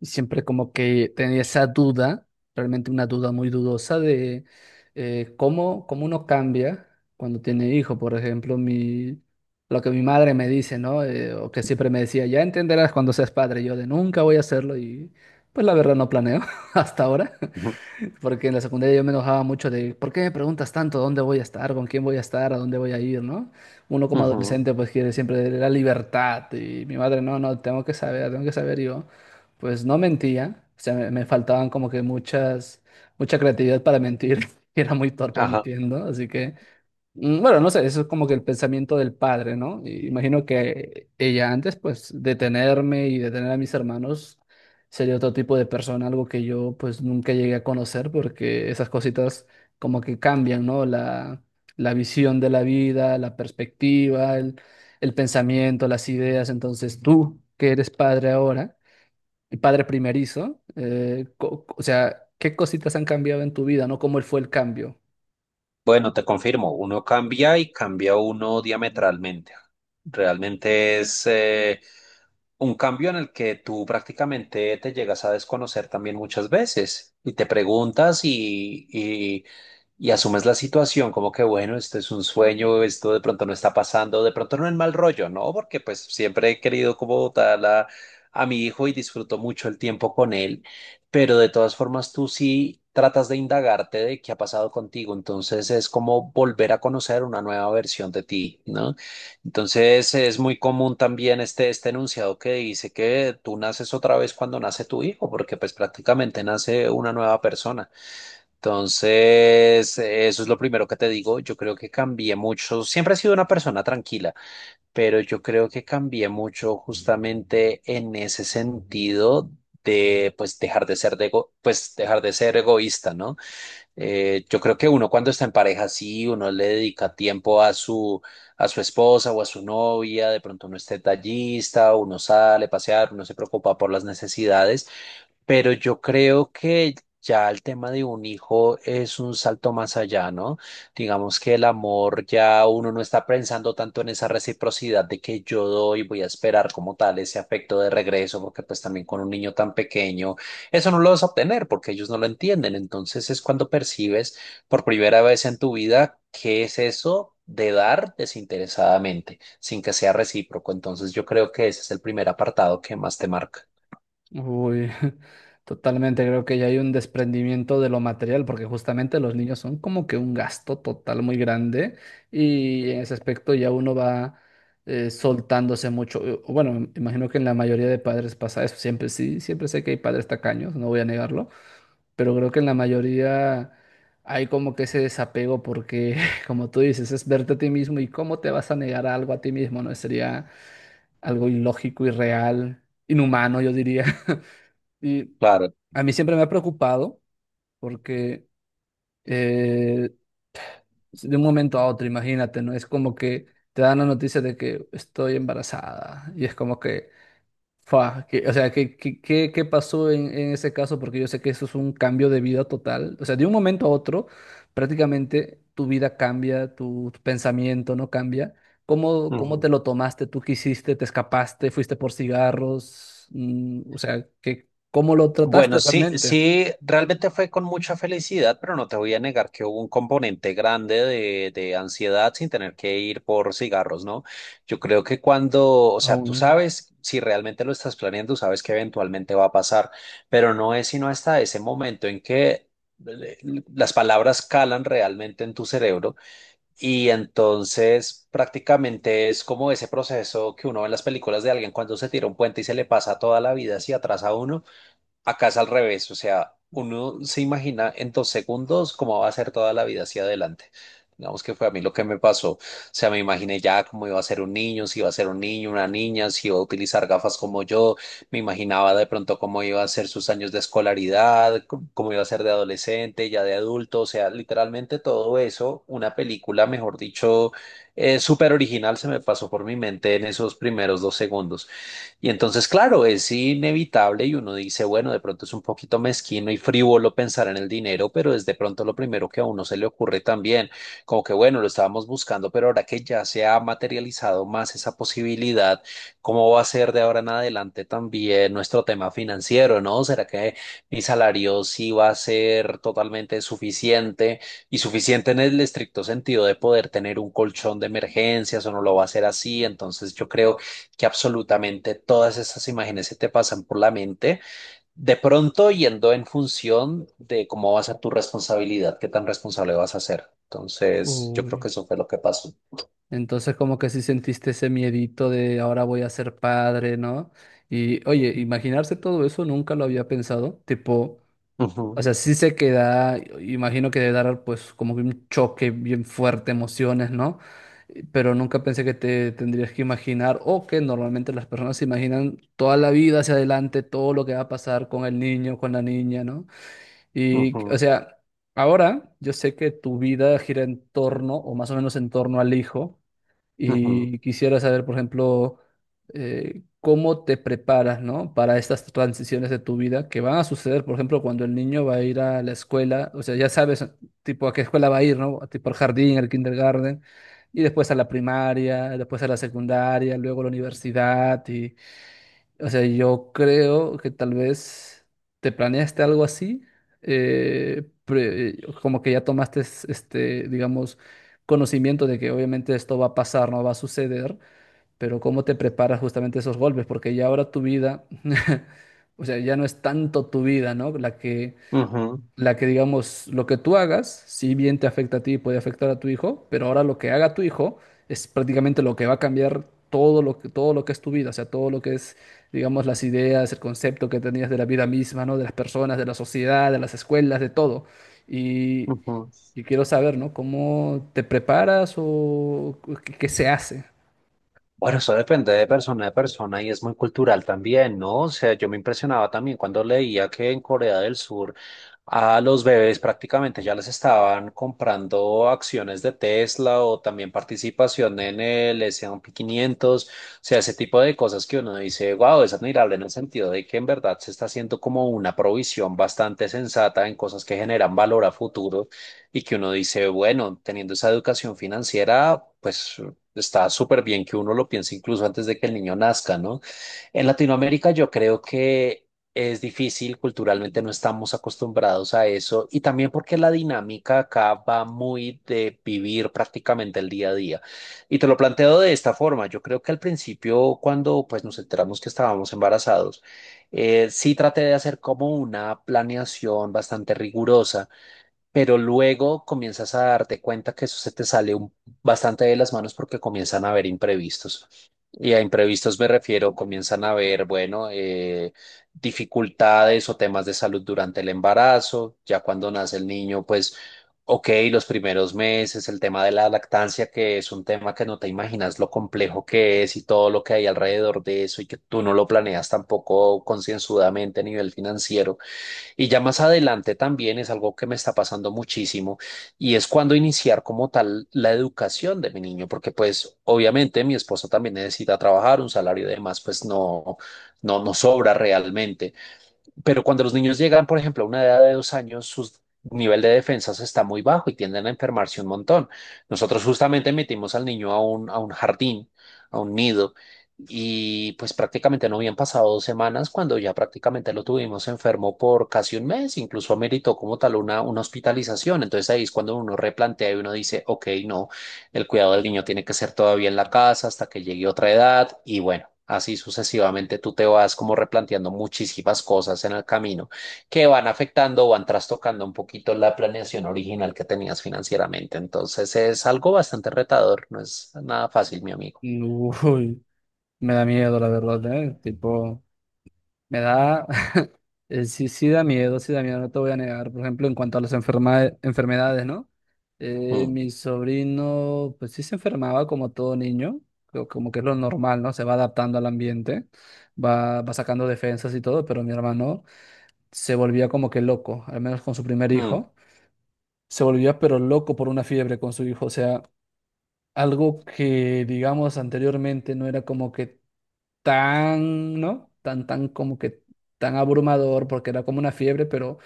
Y siempre como que tenía esa duda, realmente una duda muy dudosa de cómo, cómo uno cambia cuando tiene hijo. Por ejemplo, lo que mi madre me dice, ¿no? O que siempre me decía, ya entenderás cuando seas padre. Yo de nunca voy a hacerlo y pues la verdad no planeo hasta ahora. Ujú, Porque en la secundaria yo me enojaba mucho de, ¿por qué me preguntas tanto dónde voy a estar, con quién voy a estar, a dónde voy a ir, ¿no? Uno como ujú, adolescente pues quiere siempre la libertad y mi madre, no, no, tengo que saber yo. Pues no mentía, o sea, me faltaban como que muchas, mucha creatividad para mentir, y era muy torpe ajá. mintiendo, así que bueno, no sé, eso es como que el pensamiento del padre, ¿no? Y imagino que ella antes, pues, de tenerme y de tener a mis hermanos, sería otro tipo de persona, algo que yo, pues, nunca llegué a conocer, porque esas cositas como que cambian, ¿no? La visión de la vida, la perspectiva, el pensamiento, las ideas. Entonces, tú, que eres padre ahora, y padre primerizo, o sea, ¿qué cositas han cambiado en tu vida, ¿no? ¿Cómo fue el cambio? Bueno, te confirmo, uno cambia y cambia uno diametralmente. Realmente es un cambio en el que tú prácticamente te llegas a desconocer también muchas veces y te preguntas y asumes la situación como que, bueno, esto es un sueño, esto de pronto no está pasando, de pronto no es mal rollo, ¿no? Porque pues siempre he querido como tal a mi hijo y disfruto mucho el tiempo con él. Pero de todas formas, tú sí tratas de indagarte de qué ha pasado contigo, entonces es como volver a conocer una nueva versión de ti, ¿no? Entonces es muy común también este enunciado que dice que tú naces otra vez cuando nace tu hijo, porque pues prácticamente nace una nueva persona. Entonces, eso es lo primero que te digo, yo creo que cambié mucho, siempre he sido una persona tranquila pero yo creo que cambié mucho justamente en ese sentido de pues dejar de ser pues dejar de ser egoísta, ¿no? Yo creo que uno cuando está en pareja sí, uno le dedica tiempo a su esposa o a su novia, de pronto uno es detallista, uno sale a pasear, uno se preocupa por las necesidades, pero yo creo que ya el tema de un hijo es un salto más allá, ¿no? Digamos que el amor ya uno no está pensando tanto en esa reciprocidad de que yo doy, voy a esperar como tal ese afecto de regreso, porque pues también con un niño tan pequeño, eso no lo vas a obtener porque ellos no lo entienden. Entonces es cuando percibes por primera vez en tu vida qué es eso de dar desinteresadamente, sin que sea recíproco. Entonces yo creo que ese es el primer apartado que más te marca. Uy, totalmente, creo que ya hay un desprendimiento de lo material, porque justamente los niños son como que un gasto total muy grande y en ese aspecto ya uno va soltándose mucho. Bueno, me imagino que en la mayoría de padres pasa eso, siempre sí, siempre sé que hay padres tacaños, no voy a negarlo, pero creo que en la mayoría hay como que ese desapego porque, como tú dices, es verte a ti mismo y cómo te vas a negar algo a ti mismo, ¿no? Sería algo ilógico, irreal, inhumano, yo diría. Y Claro. a mí siempre me ha preocupado porque eh, de un momento a otro, imagínate, ¿no? Es como que te dan la noticia de que estoy embarazada y es como que, o sea, ¿qué, qué, qué pasó en ese caso? Porque yo sé que eso es un cambio de vida total. O sea, de un momento a otro, prácticamente tu vida cambia, tu pensamiento no cambia. ¿Cómo, cómo te Ujú. lo tomaste? ¿Tú qué hiciste? ¿Te escapaste? ¿Fuiste por cigarros? O sea, ¿qué, cómo lo Bueno, trataste sí, realmente? sí, realmente fue con mucha felicidad, pero no te voy a negar que hubo un componente grande de ansiedad sin tener que ir por cigarros, ¿no? Yo creo que cuando, o sea, tú Aún. sabes, si realmente lo estás planeando, sabes que eventualmente va a pasar, pero no es sino hasta ese momento en que eh, las palabras calan realmente en tu cerebro y entonces prácticamente es como ese proceso que uno ve en las películas de alguien cuando se tira un puente y se le pasa toda la vida hacia atrás a uno. Acá es al revés, o sea, uno se imagina en 2 segundos cómo va a ser toda la vida hacia adelante. Digamos que fue a mí lo que me pasó. O sea, me imaginé ya cómo iba a ser un niño, si iba a ser un niño, una niña, si iba a utilizar gafas como yo. Me imaginaba de pronto cómo iba a ser sus años de escolaridad, cómo iba a ser de adolescente, ya de adulto. O sea, literalmente todo eso, una película, mejor dicho, súper original, se me pasó por mi mente en esos primeros 2 segundos. Y entonces, claro, es inevitable y uno dice, bueno, de pronto es un poquito mezquino y frívolo pensar en el dinero, pero es de pronto lo primero que a uno se le ocurre también, como que, bueno, lo estábamos buscando, pero ahora que ya se ha materializado más esa posibilidad, ¿cómo va a ser de ahora en adelante también nuestro tema financiero, ¿no? ¿Será que mi salario sí va a ser totalmente suficiente y suficiente en el estricto sentido de poder tener un colchón de emergencias o no lo va a ser así? Entonces, yo creo que absolutamente todas esas imágenes se te pasan por la mente, de pronto yendo en función de cómo va a ser tu responsabilidad, qué tan responsable vas a ser. Entonces, yo creo Uy, que eso fue lo que pasó. entonces como que sí sentiste ese miedito de ahora voy a ser padre, ¿no? Y oye, imaginarse todo eso nunca lo había pensado, tipo, o Ujú, sea, sí se queda, imagino que debe dar pues como que un choque bien fuerte, emociones, ¿no? Pero nunca pensé que te tendrías que imaginar o que normalmente las personas se imaginan toda la vida hacia adelante, todo lo que va a pasar con el niño, con la niña, ¿no? Y, o ujú, sea, ahora yo sé que tu vida gira en torno, o más o menos en torno al hijo, ujú, y quisiera saber, por ejemplo, cómo te preparas, ¿no? Para estas transiciones de tu vida que van a suceder, por ejemplo, cuando el niño va a ir a la escuela, o sea, ya sabes, tipo, a qué escuela va a ir, ¿no? Tipo al jardín, al kindergarten, y después a la primaria, después a la secundaria, luego a la universidad, y o sea, yo creo que tal vez te planeaste algo así, como que ya tomaste, este, digamos, conocimiento de que obviamente esto va a pasar, no va a suceder, pero cómo te preparas justamente esos golpes, porque ya ahora tu vida, o sea, ya no es tanto tu vida, ¿no? Ujú, La que digamos, lo que tú hagas, si bien te afecta a ti y puede afectar a tu hijo, pero ahora lo que haga tu hijo es prácticamente lo que va a cambiar todo lo que es tu vida, o sea, todo lo que es, digamos, las ideas, el concepto que tenías de la vida misma, ¿no? De las personas, de la sociedad, de las escuelas, de todo. Y, ujú. y quiero saber, ¿no? ¿Cómo te preparas o qué, qué se hace? Bueno, eso depende de persona a persona y es muy cultural también, ¿no? O sea, yo me impresionaba también cuando leía que en Corea del Sur a los bebés prácticamente ya les estaban comprando acciones de Tesla o también participación en el S&P 500, o sea, ese tipo de cosas que uno dice, wow, es admirable en el sentido de que en verdad se está haciendo como una provisión bastante sensata en cosas que generan valor a futuro y que uno dice, bueno, teniendo esa educación financiera, pues está súper bien que uno lo piense incluso antes de que el niño nazca, ¿no? En Latinoamérica yo creo que es difícil, culturalmente no estamos acostumbrados a eso y también porque la dinámica acá va muy de vivir prácticamente el día a día. Y te lo planteo de esta forma, yo creo que al principio cuando pues nos enteramos que estábamos embarazados, sí traté de hacer como una planeación bastante rigurosa pero luego comienzas a darte cuenta que eso se te sale bastante de las manos porque comienzan a haber imprevistos. Y a imprevistos me refiero, comienzan a haber, bueno, dificultades o temas de salud durante el embarazo, ya cuando nace el niño, pues, ok, los primeros meses, el tema de la lactancia, que es un tema que no te imaginas lo complejo que es y todo lo que hay alrededor de eso y que tú no lo planeas tampoco concienzudamente a nivel financiero. Y ya más adelante también es algo que me está pasando muchísimo y es cuando iniciar como tal la educación de mi niño, porque pues obviamente mi esposa también necesita trabajar, un salario y demás, pues no, no, no sobra realmente. Pero cuando los niños llegan, por ejemplo, a una edad de 2 años, su nivel de defensas está muy bajo y tienden a enfermarse un montón. Nosotros justamente metimos al niño a un jardín, a un nido, y pues prácticamente no habían pasado 2 semanas cuando ya prácticamente lo tuvimos enfermo por casi un mes, incluso ameritó como tal una hospitalización. Entonces ahí es cuando uno replantea y uno dice, ok, no. El cuidado del niño tiene que ser todavía en la casa hasta que llegue otra edad y bueno, así sucesivamente tú te vas como replanteando muchísimas cosas en el camino que van afectando o van trastocando un poquito la planeación original que tenías financieramente. Entonces es algo bastante retador, no es nada fácil, mi amigo. Uy, me da miedo, la verdad, ¿eh? Tipo, me da... sí, sí da miedo, no te voy a negar. Por ejemplo, en cuanto a las enfermedades, ¿no? Mm, Mi sobrino, pues sí se enfermaba como todo niño, como que es lo normal, ¿no? Se va adaptando al ambiente, va sacando defensas y todo, pero mi hermano se volvía como que loco, al menos con su primer mm, hijo. Se volvía pero loco por una fiebre con su hijo, o sea, algo que, digamos, anteriormente no era como que tan, ¿no? Tan, tan como que tan abrumador porque era como una fiebre, pero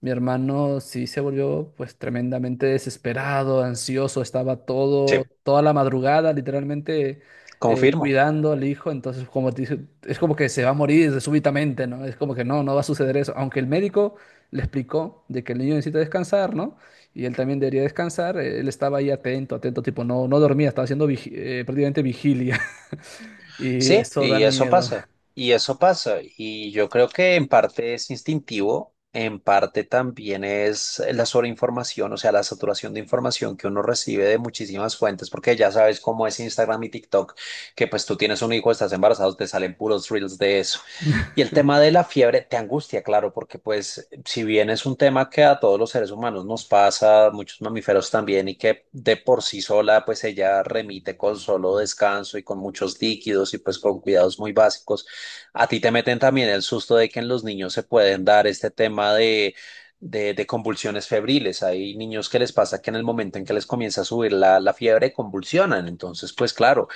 mi hermano sí se volvió pues tremendamente desesperado, ansioso, estaba sí, todo, toda la madrugada literalmente confirmo. cuidando al hijo, entonces como dice, es como que se va a morir súbitamente, ¿no? Es como que no, no va a suceder eso, aunque el médico le explicó de que el niño necesita descansar, ¿no? Y él también debería descansar, él estaba ahí atento, atento, tipo, no, no dormía, estaba haciendo prácticamente vigilia. Y Sí, eso da y eso miedo. pasa, y eso pasa, y yo creo que en parte es instintivo, en parte también es la sobreinformación, o sea, la saturación de información que uno recibe de muchísimas fuentes, porque ya sabes cómo es Instagram y TikTok, que pues tú tienes un hijo, estás embarazado, te salen puros reels de eso. Y el tema de la fiebre te angustia, claro, porque pues si bien es un tema que a todos los seres humanos nos pasa, muchos mamíferos también, y que de por sí sola pues ella remite con solo descanso y con muchos líquidos y pues con cuidados muy básicos, a ti te meten también el susto de que en los niños se pueden dar este tema de... de convulsiones febriles. Hay niños que les pasa que en el momento en que les comienza a subir la, la fiebre convulsionan. Entonces, pues claro,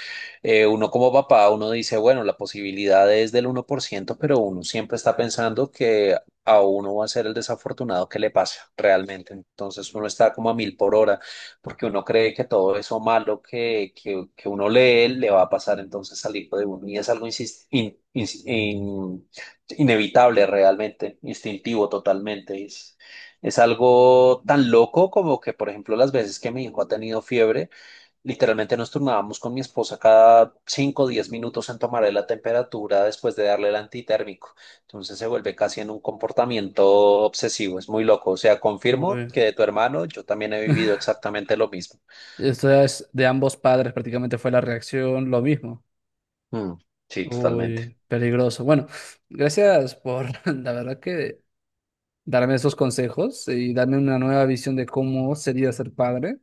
uno como papá, uno dice, bueno, la posibilidad es del 1% pero uno siempre está pensando que a uno va a ser el desafortunado que le pasa realmente. Entonces uno está como a mil por hora, porque uno cree que todo eso malo que uno lee le va a pasar entonces al hijo de uno. Y es algo inevitable realmente, instintivo totalmente. Es algo tan loco como que, por ejemplo, las veces que mi hijo ha tenido fiebre, literalmente nos turnábamos con mi esposa cada cinco, o 10 minutos en tomarle la temperatura después de darle el antitérmico. Entonces se vuelve casi en un comportamiento obsesivo, es muy loco. O sea, confirmo Uy. que de tu hermano yo también he vivido exactamente lo mismo. Esto es de ambos padres, prácticamente fue la reacción lo mismo. Mm, sí, totalmente. Uy, peligroso. Bueno, gracias por la verdad que darme esos consejos y darme una nueva visión de cómo sería ser padre.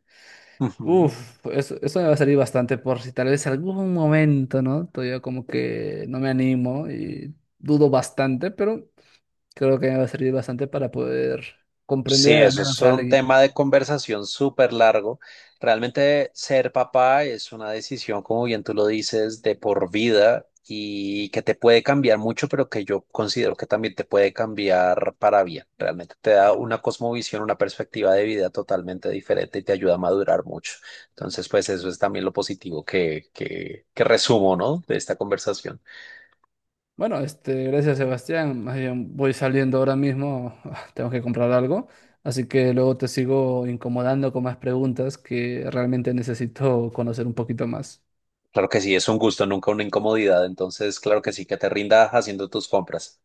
Ujú. Uf, eso me va a servir bastante por si tal vez algún momento, ¿no? Todavía como que no me animo y dudo bastante, pero creo que me va a servir bastante para poder Sí, comprender al eso menos es a un alguien. tema de conversación súper largo. Realmente ser papá es una decisión, como bien tú lo dices, de por vida y que te puede cambiar mucho, pero que yo considero que también te puede cambiar para bien. Realmente te da una cosmovisión, una perspectiva de vida totalmente diferente y te ayuda a madurar mucho. Entonces, pues eso es también lo positivo que resumo, ¿no? De esta conversación. Bueno, este, gracias Sebastián. Más bien voy saliendo ahora mismo, tengo que comprar algo, así que luego te sigo incomodando con más preguntas que realmente necesito conocer un poquito más. Claro que sí, es un gusto, nunca una incomodidad. Entonces, claro que sí, que te rindas haciendo tus compras.